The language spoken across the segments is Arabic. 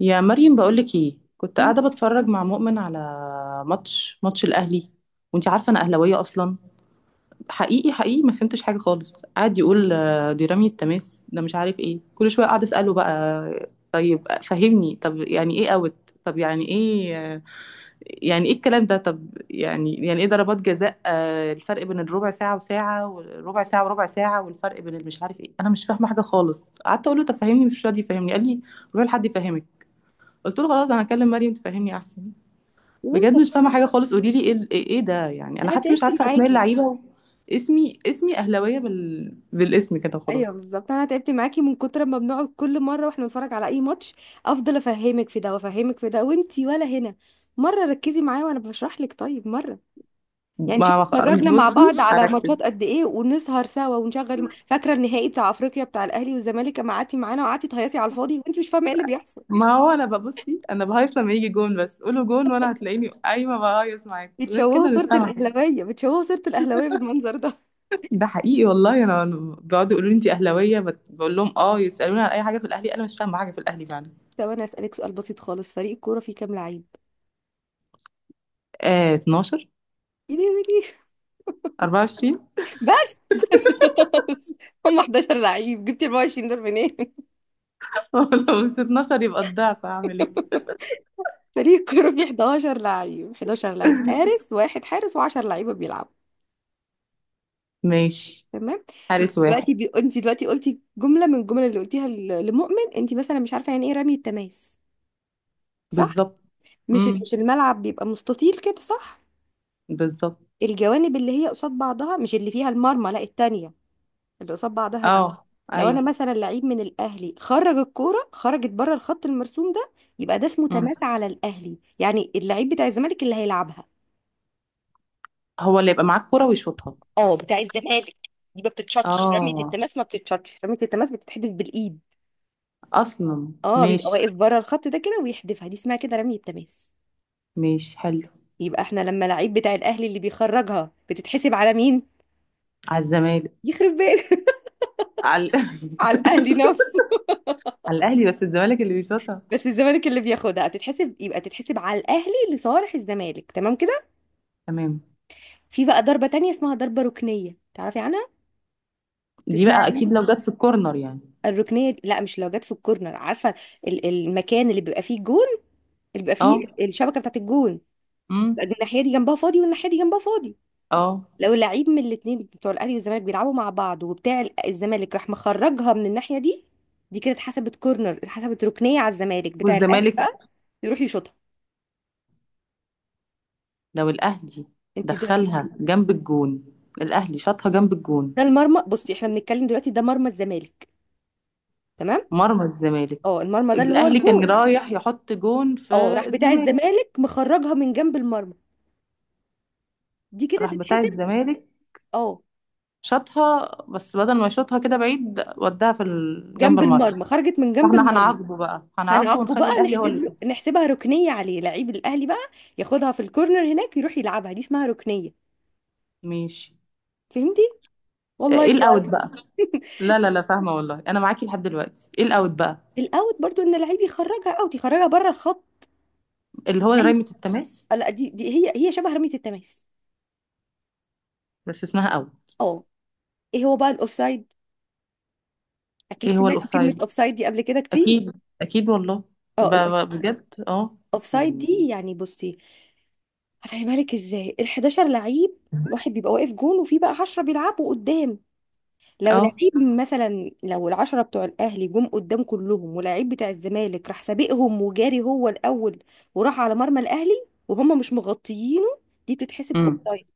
يا مريم، بقولك ايه، كنت مم. قاعده بتفرج مع مؤمن على ماتش الاهلي، وانتي عارفه انا اهلاويه اصلا. حقيقي حقيقي ما فهمتش حاجه خالص، قاعد يقول دي رمية تماس، ده مش عارف ايه، كل شويه قاعد اساله بقى طيب فهمني، طب يعني ايه اوت، طب يعني ايه يعني ايه الكلام ده، طب يعني ايه ضربات جزاء، الفرق بين الربع ساعه وساعه وربع ساعه والفرق بين المش عارف ايه، انا مش فاهمه حاجه خالص. قعدت اقول له طب فهمني، مش راضي يفهمني، قال لي روح لحد يفهمك. قلت له خلاص انا هكلم مريم تفهمني احسن. يا بجد مش بنتي، فاهمه حاجه خالص، قولي لي ايه إيه ده يعني، انا انا حتى تعبت مش عارفه اسماء معاكي. اللعيبه. اسمي اهلاويه بالاسم كده خلاص. ايوه، بالظبط انا تعبت معاكي من كتر ما بنقعد كل مره واحنا بنتفرج على اي ماتش، افضل افهمك في ده وافهمك في ده وانتي ولا هنا. مره ركزي معايا وانا بشرح لك طيب. مره يعني ما شوفي، ما خ- اتفرجنا مع بصي بعض على هركز. ماتشات قد ايه ونسهر سوا ونشغل. فاكره النهائي بتاع افريقيا بتاع الاهلي والزمالك، اما قعدتي معانا وقعدتي تهيصي على الفاضي وانتي مش فاهمه ايه اللي بيحصل. ما هو انا ببصي، انا بهيص لما يجي جون، بس قولوا جون وانا هتلاقيني قايمه بهيص معاك، غير بتشوهوا كده مش صوره فاهمه حاجة. الاهلاويه بتشوهوا صوره الاهلاويه بالمنظر ده. ده حقيقي والله، انا بيقعدوا يقولوا لي انت اهلاويه، بقول لهم اه، يسالوني على اي حاجه في الاهلي انا مش فاهمه حاجه في الاهلي فعلا. طب انا اسالك سؤال بسيط خالص، فريق الكوره فيه كام لعيب؟ آه، 12. ايه ده؟ إيه 24. ده؟ بس خلاص. هم 11 لعيب، جبت 24 دول منين؟ لو مش 12 يبقى الضعف، هعمل ايه؟ فريق كوره فيه 11 لعيب، 11 لعيب: حارس واحد، حارس و10 لعيبه بيلعبوا. ماشي. تمام. حارس واحد. انت دلوقتي قلتي جمله من الجمل اللي قلتيها لمؤمن، انت مثلا مش عارفه يعني ايه رمي التماس، صح؟ بالظبط. مش امم. مش الملعب بيبقى مستطيل كده، صح؟ بالظبط. الجوانب اللي هي قصاد بعضها، مش اللي فيها المرمى، لا التانية، اللي قصاد بعضها دي. اه. لو ايوه. انا مثلا لعيب من الاهلي خرج الكوره، خرجت بره الخط المرسوم ده، يبقى ده اسمه مم. تماس على الاهلي. يعني اللعيب بتاع الزمالك اللي هيلعبها. هو اللي يبقى معاك كرة ويشوطها. اه، بتاع الزمالك. دي ما بتتشطش رمية اه، التماس، ما بتتشطش رمية التماس، بتتحدف بالايد. اصلا اه، بيبقى ماشي. واقف بره الخط ده كده ويحدفها، دي اسمها كده رمية تماس. ماشي حلو. يبقى احنا لما لعيب بتاع الاهلي اللي بيخرجها، بتتحسب على مين؟ على الزمالك. يخرب بيت. على على الاهلي نفسه. على الاهلي بس الزمالك اللي بيشوطها. بس الزمالك اللي بياخدها، تتحسب يبقى تتحسب على الاهلي لصالح الزمالك. تمام كده. تمام. في بقى ضربة تانية اسمها ضربة ركنية، تعرفي عنها؟ دي تسمعي بقى اكيد عنها؟ لو جت في الكورنر يعني. لا، مش لو جت في الكورنر، عارفة. المكان اللي بيبقى فيه الجون، اللي بيبقى اه. فيه الشبكة بتاعت الجون، امم. يبقى الناحية دي جنبها فاضي والناحية دي جنبها فاضي. اه. لو لعيب من الاتنين بتوع الأهلي والزمالك بيلعبوا مع بعض، وبتاع الزمالك راح مخرجها من الناحية دي، دي كده اتحسبت كورنر، اتحسبت ركنية على الزمالك، بتاع الأهلي والزمالك. بقى يروح يشوطها. لو الاهلي انت دلوقتي دخلها جنب الجون، الاهلي شاطها جنب الجون. ده المرمى، بصي احنا بنتكلم دلوقتي، ده مرمى الزمالك، تمام. مرمى الزمالك. اه، المرمى ده اللي هو الاهلي كان الجون. رايح يحط جون في اه، راح بتاع الزمالك. الزمالك مخرجها من جنب المرمى، دي كده راح بتاع تتحسب. الزمالك. اه، شاطها، بس بدل ما يشوطها كده بعيد وداها في جنب جنب المرمى. المرمى، خرجت من جنب فاحنا المرمى. هنعاقبه بقى، هنعاقبه هنعاقبه بقى، ونخلي الاهلي هو نحسب اللي له، يشوط. نحسبها ركنيه عليه، لعيب الاهلي بقى ياخدها في الكورنر هناك، يروح يلعبها. دي اسمها ركنيه. ماشي. فهمتي؟ والله ايه دي. الاوت بقى؟ لا لا لا فاهمه والله، انا معاكي لحد دلوقتي. ايه الاوت بقى؟ الاوت برضو ان اللعيب يخرجها اوت، يخرجها بره الخط. اللي هو اي. رمية التماس. لا، دي هي شبه رميه التماس. بس اسمها اوت. اه. ايه هو بقى الاوفسايد؟ اكيد ايه هو سمعتي كلمه الاوفسايد؟ اوفسايد دي قبل كده كتير. اكيد. اكيد والله. اه. بقى بجد اه. الاوفسايد دي يعني يعني، بصي هفهمها لك ازاي. ال11 لعيب، واحد بيبقى واقف جون وفي بقى 10 بيلعبوا قدام. لو اه. لعيب مثلا، لو ال10 بتوع الاهلي جم قدام كلهم ولعيب بتاع الزمالك راح سابقهم وجاري هو الاول، وراح على مرمى الاهلي وهم مش مغطيينه، دي بتتحسب امم. اوفسايد.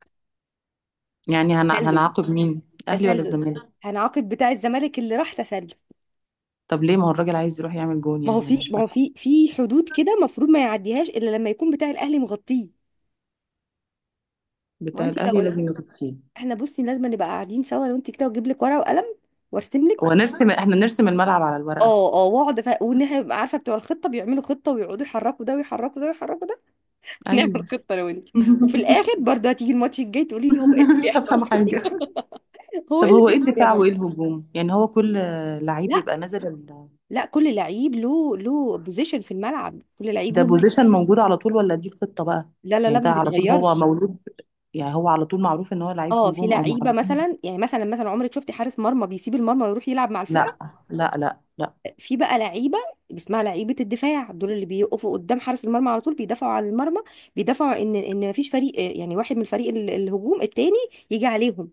يعني تسلل، هنعاقب مين، الاهلي ولا تسلل. الزمالك؟ هنعاقب بتاع الزمالك اللي راح تسلل. طب ليه؟ ما هو الراجل عايز يروح يعمل جون، ما يعني هو انا في، مش ما فاهمه. هو في في حدود كده المفروض ما يعديهاش الا لما يكون بتاع الاهلي مغطيه. ما هو بتاع انت الاهلي لو لازم يغطيه. احنا بصي لازم نبقى قاعدين سوا، لو انت كده واجيب لك ورقه وقلم وارسم. ونرسم، إحنا نرسم الملعب على الورقة. اه اه. وان احنا نبقى عارفه بتوع الخطه بيعملوا خطه ويقعدوا يحركوا ده ويحركوا ده ويحركوا ده. نعمل أيوه. خطه لو انت. وفي الاخر برضه هتيجي الماتش الجاي تقولي لي هو ايه اللي مش بيحصل. هافهمه حاجة. هو طب ايه اللي هو إيه بيحصل يا الدفاع مريم؟ وإيه الهجوم؟ يعني هو كل لعيب لا، بيبقى نازل ال... كل لعيب له بوزيشن في الملعب، كل لعيب ده له مركز. position موجود على طول والّا دي الخطة بقى؟ لا لا يعني لا ده ما على طول هو بيتغيرش. مولود، يعني هو على طول معروف إن هو لعيب اه، في هجوم أو لعيبه معروف. مثلا، يعني مثلا عمرك شفتي حارس مرمى بيسيب المرمى ويروح يلعب مع الفرقه؟ لأ، لأ، لأ، لأ، في بقى لعيبه، اسمها لعيبه الدفاع، دول اللي بيقفوا قدام حارس المرمى على طول، بيدافعوا على المرمى، بيدافعوا ان مفيش فريق، يعني واحد من فريق الهجوم التاني يجي عليهم،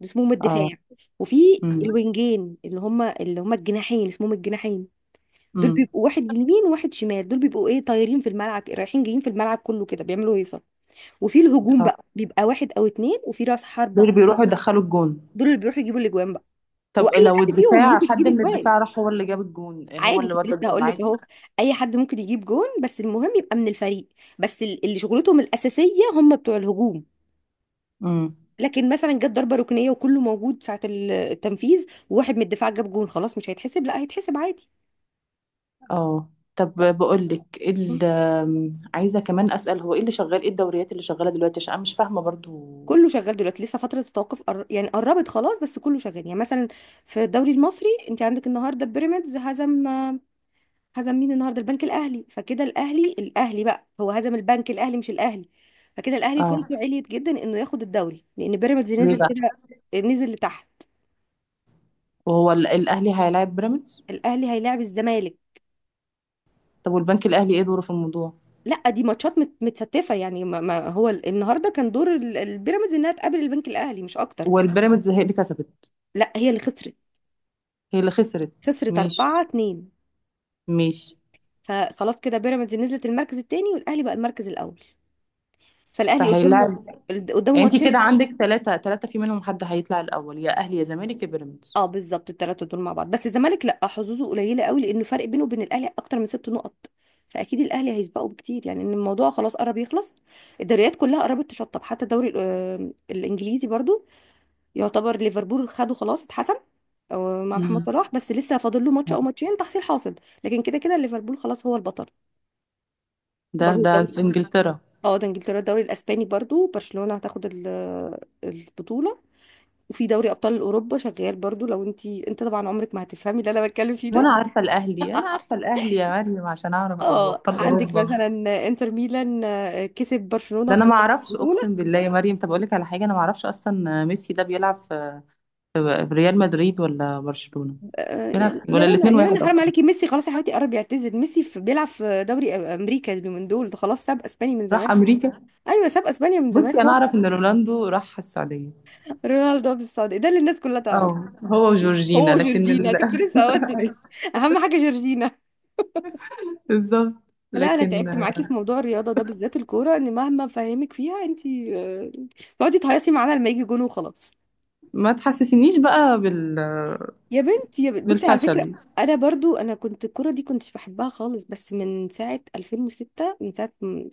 ده اسمهم آه، الدفاع. وفي إمم، الوينجين، اللي هم الجناحين، اسمهم الجناحين، دول إمم، بيبقوا واحد يمين وواحد شمال، دول بيبقوا ايه، طايرين في الملعب، رايحين جايين في الملعب كله كده، بيعملوا هيصه. وفي الهجوم آه، بقى بيبقى واحد او اتنين وفي راس دول حربه، اللي بيروحوا يدخّلوا الجون. دول اللي بيروحوا يجيبوا الاجوان بقى. طب واي لو حد فيهم الدفاع، ممكن يجيب حد من اجوان الدفاع راح هو اللي جاب الجون، هو عادي، اللي كنت ودّى لسه الجون هقول لك عادي؟ اهو. اي حد ممكن يجيب جون، بس المهم يبقى من الفريق. بس اللي شغلتهم الاساسيه هم بتوع الهجوم. إمم. لكن مثلا جت ضربه ركنيه وكله موجود ساعه التنفيذ، وواحد من الدفاع جاب جون، خلاص مش هيتحسب؟ لا، هيتحسب عادي. اه. طب بقول لك ايه، م. ال آم، عايزه كمان اسال هو ايه اللي شغال، ايه الدوريات اللي شغاله دلوقتي عشان انا مش فاهمه برضو. كله شغال دلوقتي، لسه فتره التوقف يعني قربت خلاص، بس كله شغال. يعني مثلا في الدوري المصري، انت عندك النهارده بيراميدز هزم، هزم مين النهارده؟ البنك الاهلي. فكده الاهلي، بقى هو هزم البنك الاهلي، مش الاهلي. فكده الاهلي اه. فرصه عليت جدا انه ياخد الدوري، لان بيراميدز ليه نزل بقى؟ كده، نزل لتحت. وهو الاهلي هيلاعب بيراميدز؟ الاهلي هيلاعب الزمالك. طب والبنك الاهلي ايه دوره في الموضوع؟ لا، دي ماتشات متستفه يعني. ما هو النهارده كان دور البيراميدز انها تقابل البنك الاهلي، مش اكتر. والبيراميدز هي اللي كسبت؟ لا، هي اللي خسرت، هي اللي خسرت؟ خسرت مش 4-2. مش فخلاص كده بيراميدز نزلت المركز الثاني والاهلي بقى المركز الاول. فالاهلي قدامه، فهيلاعب. قدامه يعني انت ماتشين. كده عندك ثلاثة، ثلاثة في منهم حد هيطلع الاول، يا اهلي يا زمالك يا بيراميدز. اه، بالظبط الثلاثه دول مع بعض، بس الزمالك لا، حظوظه قليله قوي، لانه فرق بينه وبين الاهلي اكتر من 6 نقط. فاكيد الاهلي هيسبقه بكتير، يعني ان الموضوع خلاص قرب يخلص. الدوريات كلها قربت تشطب، حتى الدوري الانجليزي برضو، يعتبر ليفربول خده خلاص، اتحسم مع محمد مم. صلاح، بس لسه فاضل له ماتش او ماتشين تحصيل حاصل. لكن كده كده ليفربول خلاص هو البطل. ده برضو ده في الدوري، انجلترا. اه، ده انجلترا. الدوري الاسباني برضو برشلونه هتاخد البطوله. وفي دوري ابطال اوروبا شغال برضو، لو انت، انت طبعا عمرك ما هتفهمي اللي انا بتكلم فيه ده. وانا عارفه الاهلي، انا عارفه الاهلي يا مريم عشان اعرف ابقى اه، ابطال عندك اوروبا. مثلا انتر ميلان كسب برشلونة ده انا وخد ما اعرفش، البطولة. اقسم بالله يا مريم. طب اقول لك على حاجه، انا ما اعرفش اصلا ميسي ده بيلعب في ريال مدريد ولا برشلونه. يعني يا ولا رنا الاثنين يا رنا واحد حرام اصلا؟ عليكي، ميسي خلاص يا حبيبتي قرب يعتزل. ميسي في بيلعب في دوري امريكا اليومين دول، ده خلاص ساب اسبانيا من راح زمان. امريكا. ايوه ساب اسبانيا من زمان بصي انا هو. اعرف ان رونالدو راح السعوديه. رونالدو في السعودية ده اللي الناس كلها تعرف. اه، هو وجورجينا. هو جورجينا كنت لسه اقول لك، اهم حاجة جورجينا. بالظبط. لا، انا لكن تعبت معاكي في موضوع الرياضة ده بالذات الكورة، ان مهما فهمك فيها انت بتقعدي تهيصي معانا لما يجي جون وخلاص. ما تحسسنيش بقى يا بنت بصي، على فكرة بالفشل. انا برضو كنت الكرة دي كنتش بحبها خالص، بس من ساعة 2006، من ساعة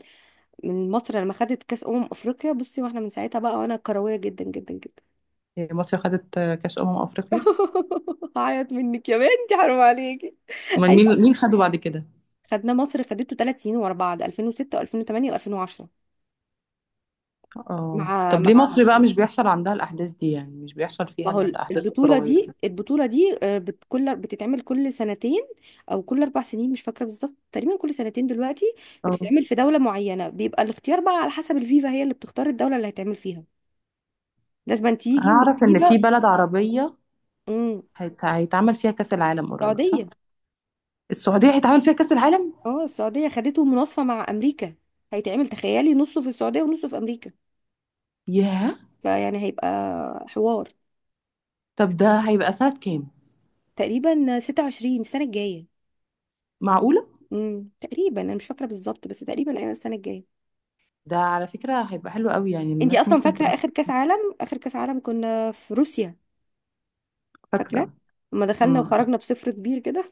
من مصر لما خدت كاس افريقيا بصي، واحنا من ساعتها بقى وانا كروية جدا جدا جدا. مصر خدت كاس افريقيا؟ هعيط منك يا بنتي، حرام عليكي. من ايوه مين؟ مين خده بعد كده؟ خدنا، مصر خدته 3 سنين ورا بعض، 2006 و2008 و2010. اه مع طب ليه مع مصر بقى مش بيحصل عندها الاحداث دي، يعني مش بيحصل ما فيها هو الاحداث البطولة الكرويه؟ دي، البطولة دي آه، بت- كل بتتعمل كل سنتين أو كل 4 سنين، مش فاكرة بالظبط، تقريبا كل سنتين دلوقتي. كده بتتعمل في دولة معينة، بيبقى الاختيار بقى على حسب الفيفا، هي اللي بتختار الدولة اللي هيتعمل فيها، لازم تيجي هعرف ان في والفيفا. بلد عربية امم. هيتعمل فيها كأس العالم قريب صح؟ السعودية. السعودية هيتعمل فيها كأس العالم؟ اه، السعودية خدته مناصفة مع أمريكا. هيتعمل، تخيلي، نصه في السعودية ونصه في أمريكا. ياه. فيعني هيبقى حوار. طب ده هيبقى سنة كام؟ تقريبا 26 السنة الجاية. معقولة؟ امم، تقريبا أنا مش فاكرة بالظبط، بس تقريبا أيوة السنة الجاية. ده على فكرة هيبقى حلو قوي، يعني انتي الناس اصلا ممكن فاكره تبقى اخر كاس عالم؟ اخر كاس عالم كنا في روسيا. فاكره فاكرة. لما دخلنا امم. وخرجنا بصفر كبير كده.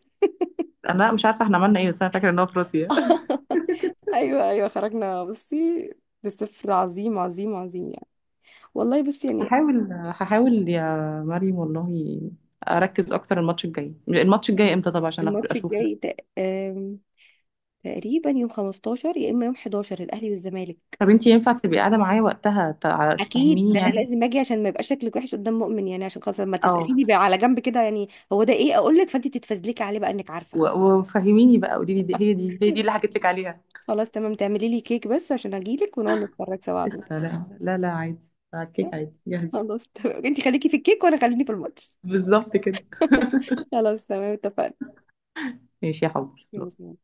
انا مش عارفة احنا عملنا ايه، بس انا فاكرة ان هو في روسيا. ايوه ايوه خرجنا بصي، بصفر عظيم عظيم عظيم يعني، والله بصي يعني. هحاول يا مريم والله اركز اكتر. الماتش الجاي امتى طب عشان الماتش اشوفه؟ الجاي تق... آم، تقريبا يوم 15 يا اما يوم 11، الاهلي والزمالك. طب انتي ينفع تبقي قاعدة معايا وقتها اكيد، ده تفهميني انا يعني؟ لازم اجي عشان ما يبقاش شكلك وحش قدام مؤمن، يعني عشان خلاص لما اه. تساليني بقى على جنب كده، يعني هو ده ايه، اقول لك فانت تتفزلكي عليه بقى انك عارفه. وفهميني بقى، قولي لي دي- هي دي هي دي اللي حكيت لك عليها. خلاص تمام، تعملي لي كيك بس عشان اجي لك ونقعد نتفرج سوا على قشطة. الماتش. لا لا لا عادي، على الكيك عادي جاهزة. خلاص تمام، انتي خليكي في الكيك وانا خليني في الماتش. بالظبط كده. خلاص تمام اتفقنا. ماشي يا حبيبي. ماشي.